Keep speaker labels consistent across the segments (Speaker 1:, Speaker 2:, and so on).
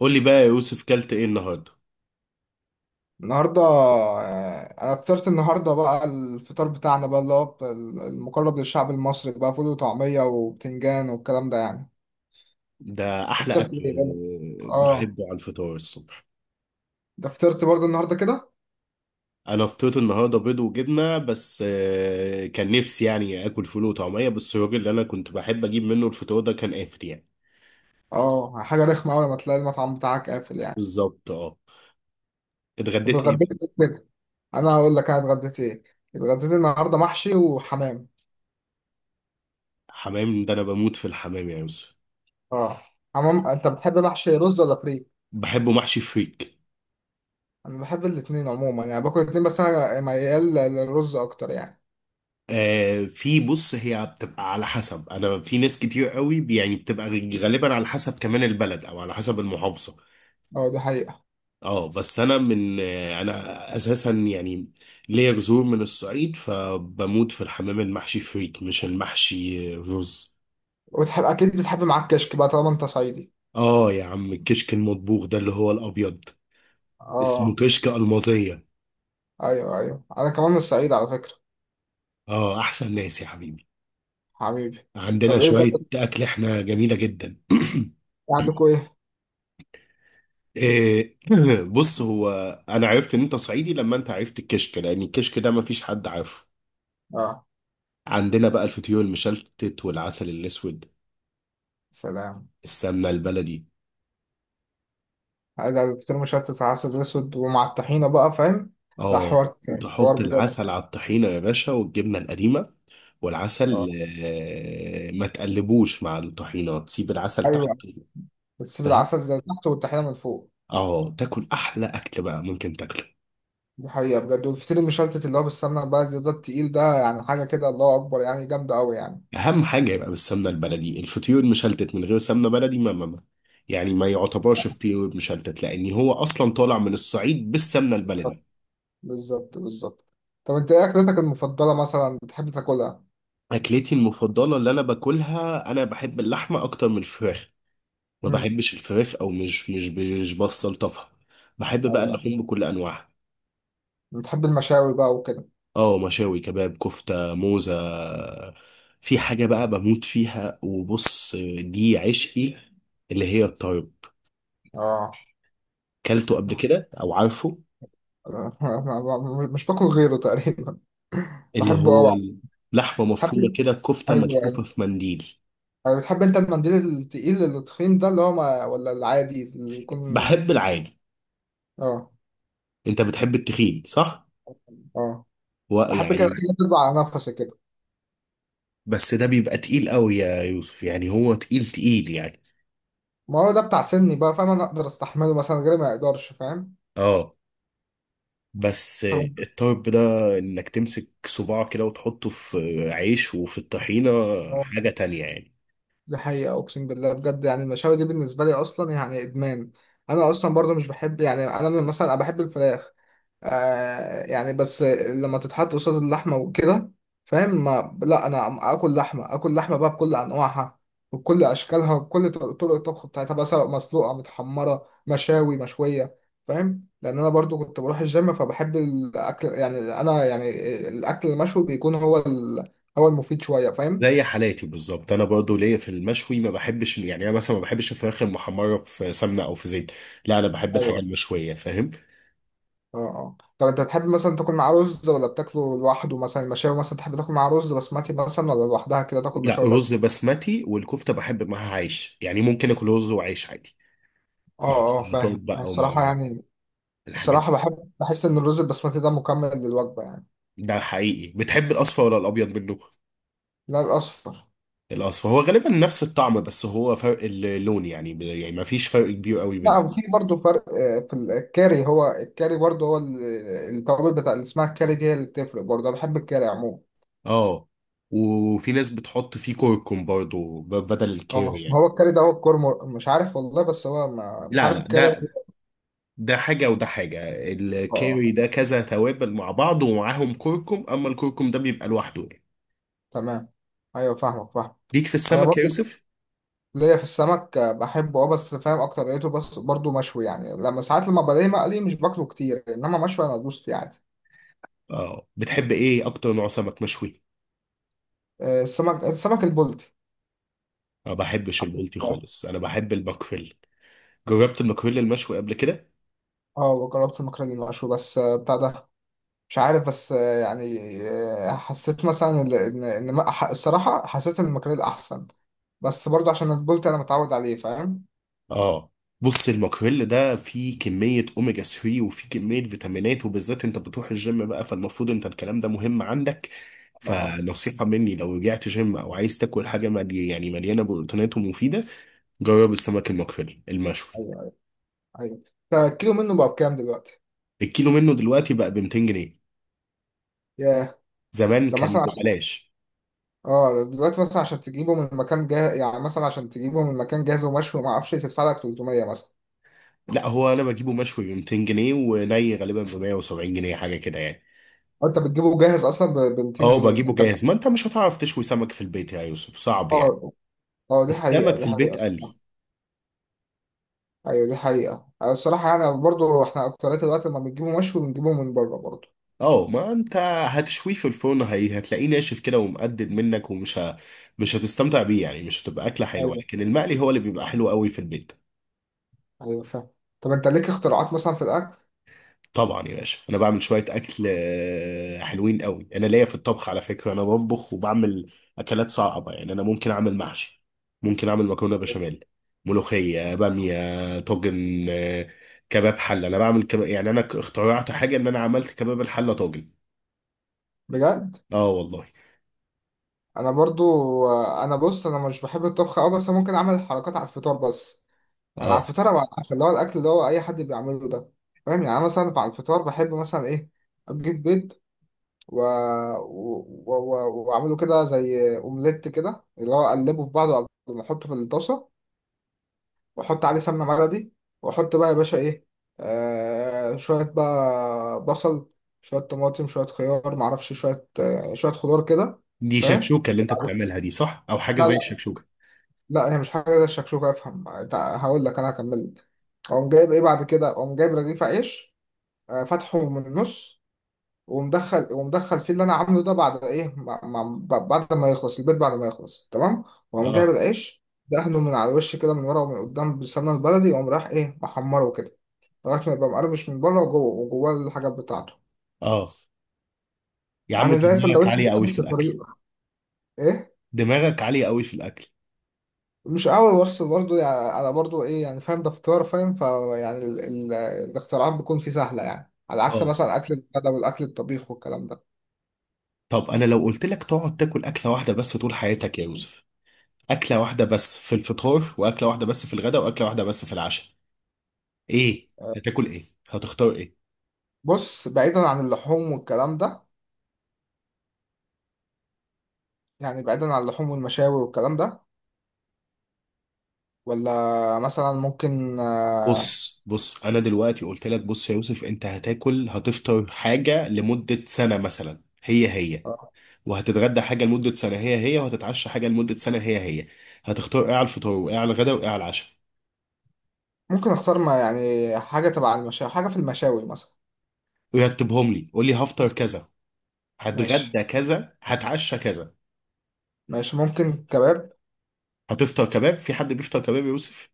Speaker 1: قول لي بقى يا يوسف كلت ايه النهارده؟
Speaker 2: النهارده انا فطرت النهارده بقى الفطار بتاعنا بقى اللي هو بتاع المقرب للشعب المصري بقى فول وطعميه وبتنجان والكلام ده يعني.
Speaker 1: ده
Speaker 2: انت
Speaker 1: احلى اكل.
Speaker 2: فطرت ايه بقى؟ اه،
Speaker 1: بحبه على الفطار الصبح.
Speaker 2: ده فطرت برضه النهارده كده.
Speaker 1: انا فطرت النهارده بيض وجبنه بس، كان نفسي يعني اكل فول وطعميه، بس الراجل اللي انا كنت بحب اجيب منه الفطار ده كان قافل يعني.
Speaker 2: اه حاجه رخمه قوي لما تلاقي المطعم بتاعك قافل يعني.
Speaker 1: بالظبط اه.
Speaker 2: طب
Speaker 1: اتغديت ايه
Speaker 2: اتغديت
Speaker 1: بقى؟
Speaker 2: ايه كده؟ انا هقول لك انا اتغديت ايه. اتغديت النهارده محشي وحمام.
Speaker 1: حمام ده انا بموت في الحمام يا يوسف.
Speaker 2: اه حمام انت بتحب محشي رز ولا فريك؟
Speaker 1: بحبه محشي فريك.
Speaker 2: انا بحب الاتنين عموما يعني باكل الاتنين، بس انا ميال للرز اكتر يعني.
Speaker 1: آه في بص، هي بتبقى على حسب، انا في ناس كتير قوي يعني بتبقى غالبا على حسب كمان البلد او على حسب المحافظه.
Speaker 2: اه دي حقيقة.
Speaker 1: اه بس انا من انا اساسا يعني ليا جذور من الصعيد، فبموت في الحمام المحشي فريك مش المحشي رز.
Speaker 2: وتحب اكيد بتحب معاك كشك بقى طالما انت صعيدي.
Speaker 1: اه يا عم الكشك المطبوخ ده اللي هو الابيض اسمه
Speaker 2: اه.
Speaker 1: كشك المازيه.
Speaker 2: ايوه ايوه انا كمان من الصعيد على فكره.
Speaker 1: اه احسن ناس يا حبيبي.
Speaker 2: حبيبي.
Speaker 1: عندنا
Speaker 2: طب ايه
Speaker 1: شويه
Speaker 2: طب
Speaker 1: اكل احنا جميله جدا.
Speaker 2: عندكم ايه؟
Speaker 1: إيه، بص هو انا عرفت ان انت صعيدي لما انت عرفت الكشك، لان الكشك ده مفيش حد عارفه.
Speaker 2: اه.
Speaker 1: عندنا بقى الفطير المشلتت والعسل الاسود،
Speaker 2: سلام.
Speaker 1: السمنه البلدي.
Speaker 2: هذا الفطير مشلتت على عسل اسود ومع الطحينه بقى فاهم. لا
Speaker 1: اه
Speaker 2: حوار تاني، حوار
Speaker 1: تحط
Speaker 2: بجد.
Speaker 1: العسل على الطحينة يا باشا والجبنة القديمة والعسل.
Speaker 2: اه.
Speaker 1: ما تقلبوش مع الطحينة، تسيب العسل تحت.
Speaker 2: ايوه. بتسيب
Speaker 1: فاهم،
Speaker 2: العسل زي تحت والطحينه من فوق.
Speaker 1: اه تاكل احلى اكل بقى ممكن تاكله.
Speaker 2: دي حقيقه بجد، والفطير المشلتت اللي هو بالسمنه بقى ده ده التقيل ده يعني حاجه كده، الله اكبر يعني جامده قوي يعني.
Speaker 1: اهم حاجة يبقى بالسمنة البلدي، الفطير المشلتت من غير سمنة بلدي يعني ما يعتبرش فطير مشلتت، لان هو اصلا طالع من الصعيد بالسمنة البلدي.
Speaker 2: بالظبط بالظبط. طب انت ايه اكلتك المفضله مثلا بتحب تاكلها؟
Speaker 1: اكلتي المفضلة اللي انا باكلها، انا بحب اللحمة اكتر من الفراخ، ما
Speaker 2: امم
Speaker 1: بحبش الفراخ او مش بسلطفها. بحب بقى
Speaker 2: ايوه
Speaker 1: اللحوم بكل انواعها.
Speaker 2: بتحب المشاوي بقى وكده؟
Speaker 1: اه مشاوي كباب كفته موزه، في حاجه بقى بموت فيها، وبص دي عشقي، اللي هي الطرب،
Speaker 2: اه.
Speaker 1: كلته قبل كده او عارفه؟
Speaker 2: مش باكل غيره تقريبا،
Speaker 1: اللي
Speaker 2: بحبه
Speaker 1: هو
Speaker 2: قوي.
Speaker 1: لحمه مفرومه
Speaker 2: بتحب.
Speaker 1: كده كفته
Speaker 2: ايوه
Speaker 1: ملفوفه
Speaker 2: أيوة.
Speaker 1: في منديل.
Speaker 2: يعني بتحب انت المنديل التقيل التخين ده اللي هو ما... ولا العادي اللي يكون؟
Speaker 1: بحب العادي.
Speaker 2: اه
Speaker 1: انت بتحب التخين صح؟
Speaker 2: اه. احب كده
Speaker 1: ويعني
Speaker 2: حاجه تطلع على نفسي كده.
Speaker 1: بس ده بيبقى تقيل قوي يا يوسف، يعني هو تقيل تقيل يعني.
Speaker 2: ما هو ده بتاع سني بقى فاهم، انا اقدر استحمله مثلا غيري ما يقدرش فاهم.
Speaker 1: اه بس
Speaker 2: طبعا.
Speaker 1: الطرب ده انك تمسك صباع كده وتحطه في عيش وفي الطحينة، حاجة
Speaker 2: آه،
Speaker 1: تانية يعني.
Speaker 2: دي حقيقه اقسم بالله بجد، يعني المشاوي دي بالنسبه لي اصلا يعني ادمان. انا اصلا برضو مش بحب يعني انا مثلا انا بحب الفراخ آه يعني، بس لما تتحط قصاد اللحمة وكده فاهم. ما لا انا اكل لحمة، اكل لحمة بقى بكل انواعها وبكل اشكالها وبكل طرق الطبخ بتاعتها بقى، سواء مسلوقة متحمرة مشاوي مشوية فاهم. لان انا برضو كنت بروح الجيم فبحب الاكل يعني انا يعني الاكل المشوي بيكون هو هو المفيد شوية فاهم.
Speaker 1: زي حالاتي بالظبط، انا برضو ليا في المشوي، ما بحبش يعني، انا مثلا ما بحبش الفراخ المحمرة في سمنة او في زيت، لا انا بحب الحاجة
Speaker 2: ايوه.
Speaker 1: المشوية فاهم.
Speaker 2: اه اه طب انت بتحب مثلا تاكل معاه رز ولا بتاكله لوحده؟ مثلا المشاوي مثلا تحب تاكل معاه رز بسمتي، مثلا ولا لوحدها كده تاكل
Speaker 1: لا
Speaker 2: مشاوي
Speaker 1: رز
Speaker 2: بس؟
Speaker 1: بسمتي، والكفتة بحب معاها عيش، يعني ممكن اكل رز وعيش عادي، مع
Speaker 2: اه اه
Speaker 1: السلطات
Speaker 2: فاهم
Speaker 1: بقى ومع
Speaker 2: الصراحة يعني.
Speaker 1: الحاجات دي.
Speaker 2: الصراحة بحب بحس إن الرز البسمتي ده مكمل للوجبة يعني.
Speaker 1: ده حقيقي، بتحب الاصفر ولا الابيض منه؟
Speaker 2: لا الأصفر.
Speaker 1: الأصفر هو غالبا نفس الطعم، بس هو فرق اللون، يعني يعني ما فيش فرق كبير قوي
Speaker 2: لا
Speaker 1: بينهم.
Speaker 2: وفي برضه فرق، في الكاري، هو الكاري برضه هو التوابل بتاع اللي اسمها الكاري دي هي اللي بتفرق برضه. أنا بحب الكاري عموما.
Speaker 1: اه وفي ناس بتحط فيه كركم برضو بدل الكاري
Speaker 2: اه
Speaker 1: يعني.
Speaker 2: هو الكاري ده هو الكرمر مش عارف والله، بس هو ما مش
Speaker 1: لا
Speaker 2: عارف
Speaker 1: لا
Speaker 2: الكاري اه.
Speaker 1: ده حاجة وده حاجة،
Speaker 2: آه،
Speaker 1: الكاري ده
Speaker 2: تمام.
Speaker 1: كذا توابل مع بعض ومعاهم كركم، أما الكركم ده بيبقى لوحده يعني.
Speaker 2: تمام. أيوه فاهمك فاهم.
Speaker 1: ليك في
Speaker 2: أنا
Speaker 1: السمك يا
Speaker 2: برضه
Speaker 1: يوسف؟
Speaker 2: ليا في السمك بحبه اه، بس فاهم أكتر لقيته بس برضه مشوي يعني، لما ساعات لما بلاقيه مقلي مش باكله كتير، إنما مشوي أنا أدوس فيه عادي.
Speaker 1: اه بتحب ايه أكتر نوع سمك مشوي؟
Speaker 2: آه، السمك السمك البلطي.
Speaker 1: ما بحبش البلطي خالص، أنا بحب الماكريل، جربت الماكريل المشوي قبل كده؟
Speaker 2: اه جربت المكرونه المشوي بس بتاع ده مش عارف، بس يعني حسيت مثلا ال- ان ان ما- ح- الصراحه حسيت ان المكرونه احسن، بس برضه عشان البولت انا متعود عليه فاهم.
Speaker 1: اه بص الماكريل ده فيه كمية اوميجا 3 وفيه كمية فيتامينات، وبالذات انت بتروح الجيم بقى، فالمفروض انت الكلام ده مهم عندك،
Speaker 2: اه اه.
Speaker 1: فنصيحة مني لو رجعت جيم او عايز تاكل حاجة ملي يعني مليانة بروتينات ومفيدة، جرب السمك الماكريل المشوي.
Speaker 2: ايوه ايوه أنت الكيلو منه بقى بكام دلوقتي؟
Speaker 1: الكيلو منه دلوقتي بقى ب 200 جنيه،
Speaker 2: ياه.
Speaker 1: زمان
Speaker 2: ده
Speaker 1: كان
Speaker 2: مثلا عشان-
Speaker 1: ببلاش.
Speaker 2: اه دلوقتي مثلا عشان تجيبه من مكان جاهز يعني، مثلا عشان تجيبه من مكان جاهز ومشوي وما اعرفش إيه، تدفع لك 300 مثلا.
Speaker 1: لا هو انا بجيبه مشوي ب 200 جنيه، وني غالبا ب 170 جنيه حاجة كده يعني.
Speaker 2: أو انت بتجيبه جاهز اصلا ب 200
Speaker 1: اه
Speaker 2: جنيه
Speaker 1: بجيبه
Speaker 2: انت؟
Speaker 1: جاهز، ما انت مش هتعرف تشوي سمك في البيت يا يوسف صعب يعني،
Speaker 2: اه اه. دي حقيقه
Speaker 1: السمك في
Speaker 2: دي حقيقه.
Speaker 1: البيت قلي.
Speaker 2: ايوه دي حقيقة، أنا الصراحة يعني برضو احنا اكترية الوقت لما بنجيبه مشوي بنجيبه من بره برضو.
Speaker 1: اه ما انت هتشويه في الفرن، هي هتلاقيه ناشف كده ومقدد منك، مش هتستمتع بيه يعني، مش هتبقى اكله حلوه،
Speaker 2: ايوه
Speaker 1: لكن المقلي هو اللي بيبقى حلو قوي في البيت.
Speaker 2: ايوه فاهم. طب انت ليك اختراعات مثلا في الاكل؟
Speaker 1: طبعا يا باشا انا بعمل شويه اكل حلوين قوي، انا ليا في الطبخ على فكره، انا بطبخ وبعمل اكلات صعبه يعني، انا ممكن اعمل محشي، ممكن اعمل مكرونه بشاميل، ملوخيه باميه طاجن، كباب حله، انا بعمل كباب، يعني انا اخترعت حاجه ان انا عملت كباب الحله طاجن.
Speaker 2: بجد.
Speaker 1: اه والله.
Speaker 2: انا برضو انا بص انا مش بحب الطبخ قوي، بس ممكن اعمل حركات على الفطار بس. يعني على
Speaker 1: اه
Speaker 2: الفطار او على العشاء اللي هو الاكل اللي هو اي حد بيعمله ده فاهم. يعني انا مثلا على الفطار بحب مثلا ايه، اجيب بيض و... و... و... و واعمله كده زي اومليت كده، اللي هو اقلبه في بعضه قبل ما احطه في الطاسة، واحط عليه سمنه بلدي، واحط بقى يا باشا ايه، آه شويه بقى بصل، شويه طماطم، شويه خيار معرفش، شويه آه شويه خضار كده
Speaker 1: دي
Speaker 2: فاهم.
Speaker 1: شكشوكة اللي انت بتعملها دي صح، او حاجة
Speaker 2: لا
Speaker 1: زي
Speaker 2: لا.
Speaker 1: الشكشوكة.
Speaker 2: لا هي مش حاجه زي الشكشوكه افهم هقول لك انا هكمل. اقوم جايب ايه بعد كده، اقوم جايب رغيف عيش آه فاتحه من النص، ومدخل ومدخل فيه اللي انا عامله ده بعد ايه بعد ما يخلص البيت، بعد ما يخلص تمام، واقوم جايب
Speaker 1: اه
Speaker 2: العيش دهنه من على الوش كده، من ورا ومن قدام بالسمنه البلدي، واقوم رايح ايه محمره كده لغاية ما يبقى مقرمش من بره وجوه، وجواه الحاجات بتاعته.
Speaker 1: اه يا عم
Speaker 2: يعني
Speaker 1: انت
Speaker 2: زي
Speaker 1: دماغك
Speaker 2: سندوتش
Speaker 1: عالية
Speaker 2: كده
Speaker 1: قوي في
Speaker 2: بس
Speaker 1: الاكل،
Speaker 2: طريقة ايه.
Speaker 1: دماغك عالية قوي في الاكل.
Speaker 2: مش قوي، بس برضه يعني انا برضه ايه يعني فاهم ده فطار فاهم فيعني الاختراعات بتكون فيه سهلة يعني، على عكس
Speaker 1: اه
Speaker 2: مثلا اكل الغدا والاكل الطبيخ والكلام ده.
Speaker 1: طب انا لو قلت لك تقعد تاكل اكلة واحدة بس طول حياتك يا يوسف، اكلة واحدة بس في الفطار، واكلة واحدة بس في الغداء، واكلة واحدة بس في العشاء، ايه هتاكل، ايه هتختار؟ ايه
Speaker 2: بص بعيدا عن اللحوم والكلام ده، يعني بعيدا عن اللحوم والمشاوي والكلام ده، ولا مثلا ممكن آه،.
Speaker 1: بص بص انا دلوقتي قلت لك، بص يا يوسف، انت هتاكل هتفطر حاجة لمدة سنة مثلا هي هي، وهتتغدى حاجة لمدة سنة هي هي، وهتتعشى حاجة لمدة سنة هي هي، هتختار ايه على الفطار، وايه على الغدا، وايه على العشاء؟
Speaker 2: ممكن اختار ما يعني حاجة تبع المشاوي، حاجة في المشاوي مثلا.
Speaker 1: ويرتبهم لي، قول لي هفطر كذا،
Speaker 2: ماشي.
Speaker 1: هتغدى كذا، هتعشى كذا.
Speaker 2: ماشي ممكن كباب.
Speaker 1: هتفطر كباب؟ في حد بيفطر كباب يا يوسف؟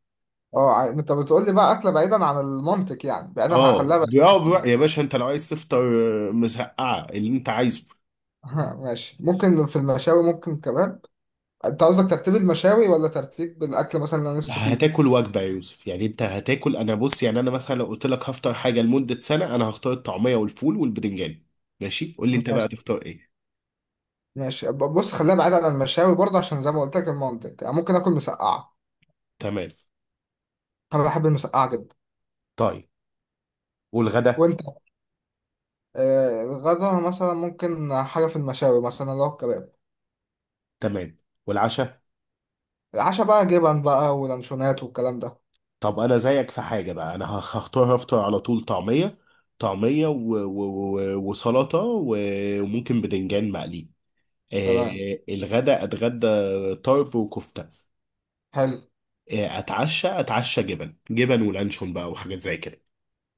Speaker 2: اه انت بتقول لي بقى اكله بعيدا عن المنطق يعني، بعيدا
Speaker 1: اه
Speaker 2: هخليها بعيدا عن المنطق.
Speaker 1: يا باشا انت لو عايز تفطر مزقعة اللي انت عايزه.
Speaker 2: ها، ماشي ممكن في المشاوي ممكن كباب. انت قصدك ترتيب المشاوي ولا ترتيب الاكل مثلا اللي انا نفسي فيه؟
Speaker 1: هتاكل وجبة يا يوسف، يعني انت هتاكل انا، بص يعني انا مثلا لو قلت لك هفطر حاجة لمدة سنة، انا هختار الطعمية والفول والبتنجان، ماشي قول لي انت بقى
Speaker 2: ماشي.
Speaker 1: تختار ايه.
Speaker 2: ماشي بص خليها بعيدا عن المشاوي برضه، عشان زي ما قلت لك المنطق يعني، ممكن اكل مسقعه.
Speaker 1: تمام.
Speaker 2: انا بحب المسقعه جدا.
Speaker 1: طيب والغدا.
Speaker 2: وانت. آه الغدا مثلا ممكن حاجه في المشاوي مثلا اللي هو الكباب.
Speaker 1: تمام والعشاء.
Speaker 2: العشاء بقى جبن بقى ولانشونات والكلام ده.
Speaker 1: طب انا زيك في حاجه بقى، انا هختار، هفطر على طول طعميه، طعميه و... و... و... وسلطه وممكن بدنجان مقلي.
Speaker 2: تمام.
Speaker 1: آه الغدا، اتغدى طرب وكفته.
Speaker 2: حلو.
Speaker 1: آه اتعشى جبن جبن ولانشون بقى وحاجات زي كده.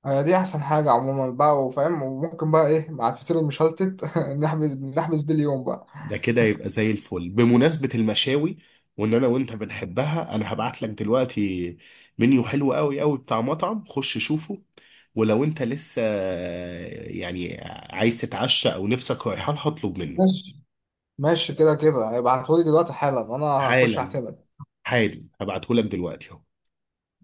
Speaker 2: هي دي احسن حاجه عموما بقى وفاهم، وممكن بقى ايه مع الفطير المشلتت نحبس بيه اليوم بقى.
Speaker 1: ده كده يبقى زي الفل، بمناسبة المشاوي، وان انا وانت بنحبها، انا هبعت لك دلوقتي منيو حلو قوي قوي بتاع مطعم، خش شوفه، ولو انت لسه يعني عايز تتعشى او نفسك رايحة لها اطلب منه.
Speaker 2: ماشي. ماشي كده كده ابعتهولي دلوقتي حالا انا هخش
Speaker 1: حالا،
Speaker 2: اعتمد
Speaker 1: حالا هبعته لك دلوقتي.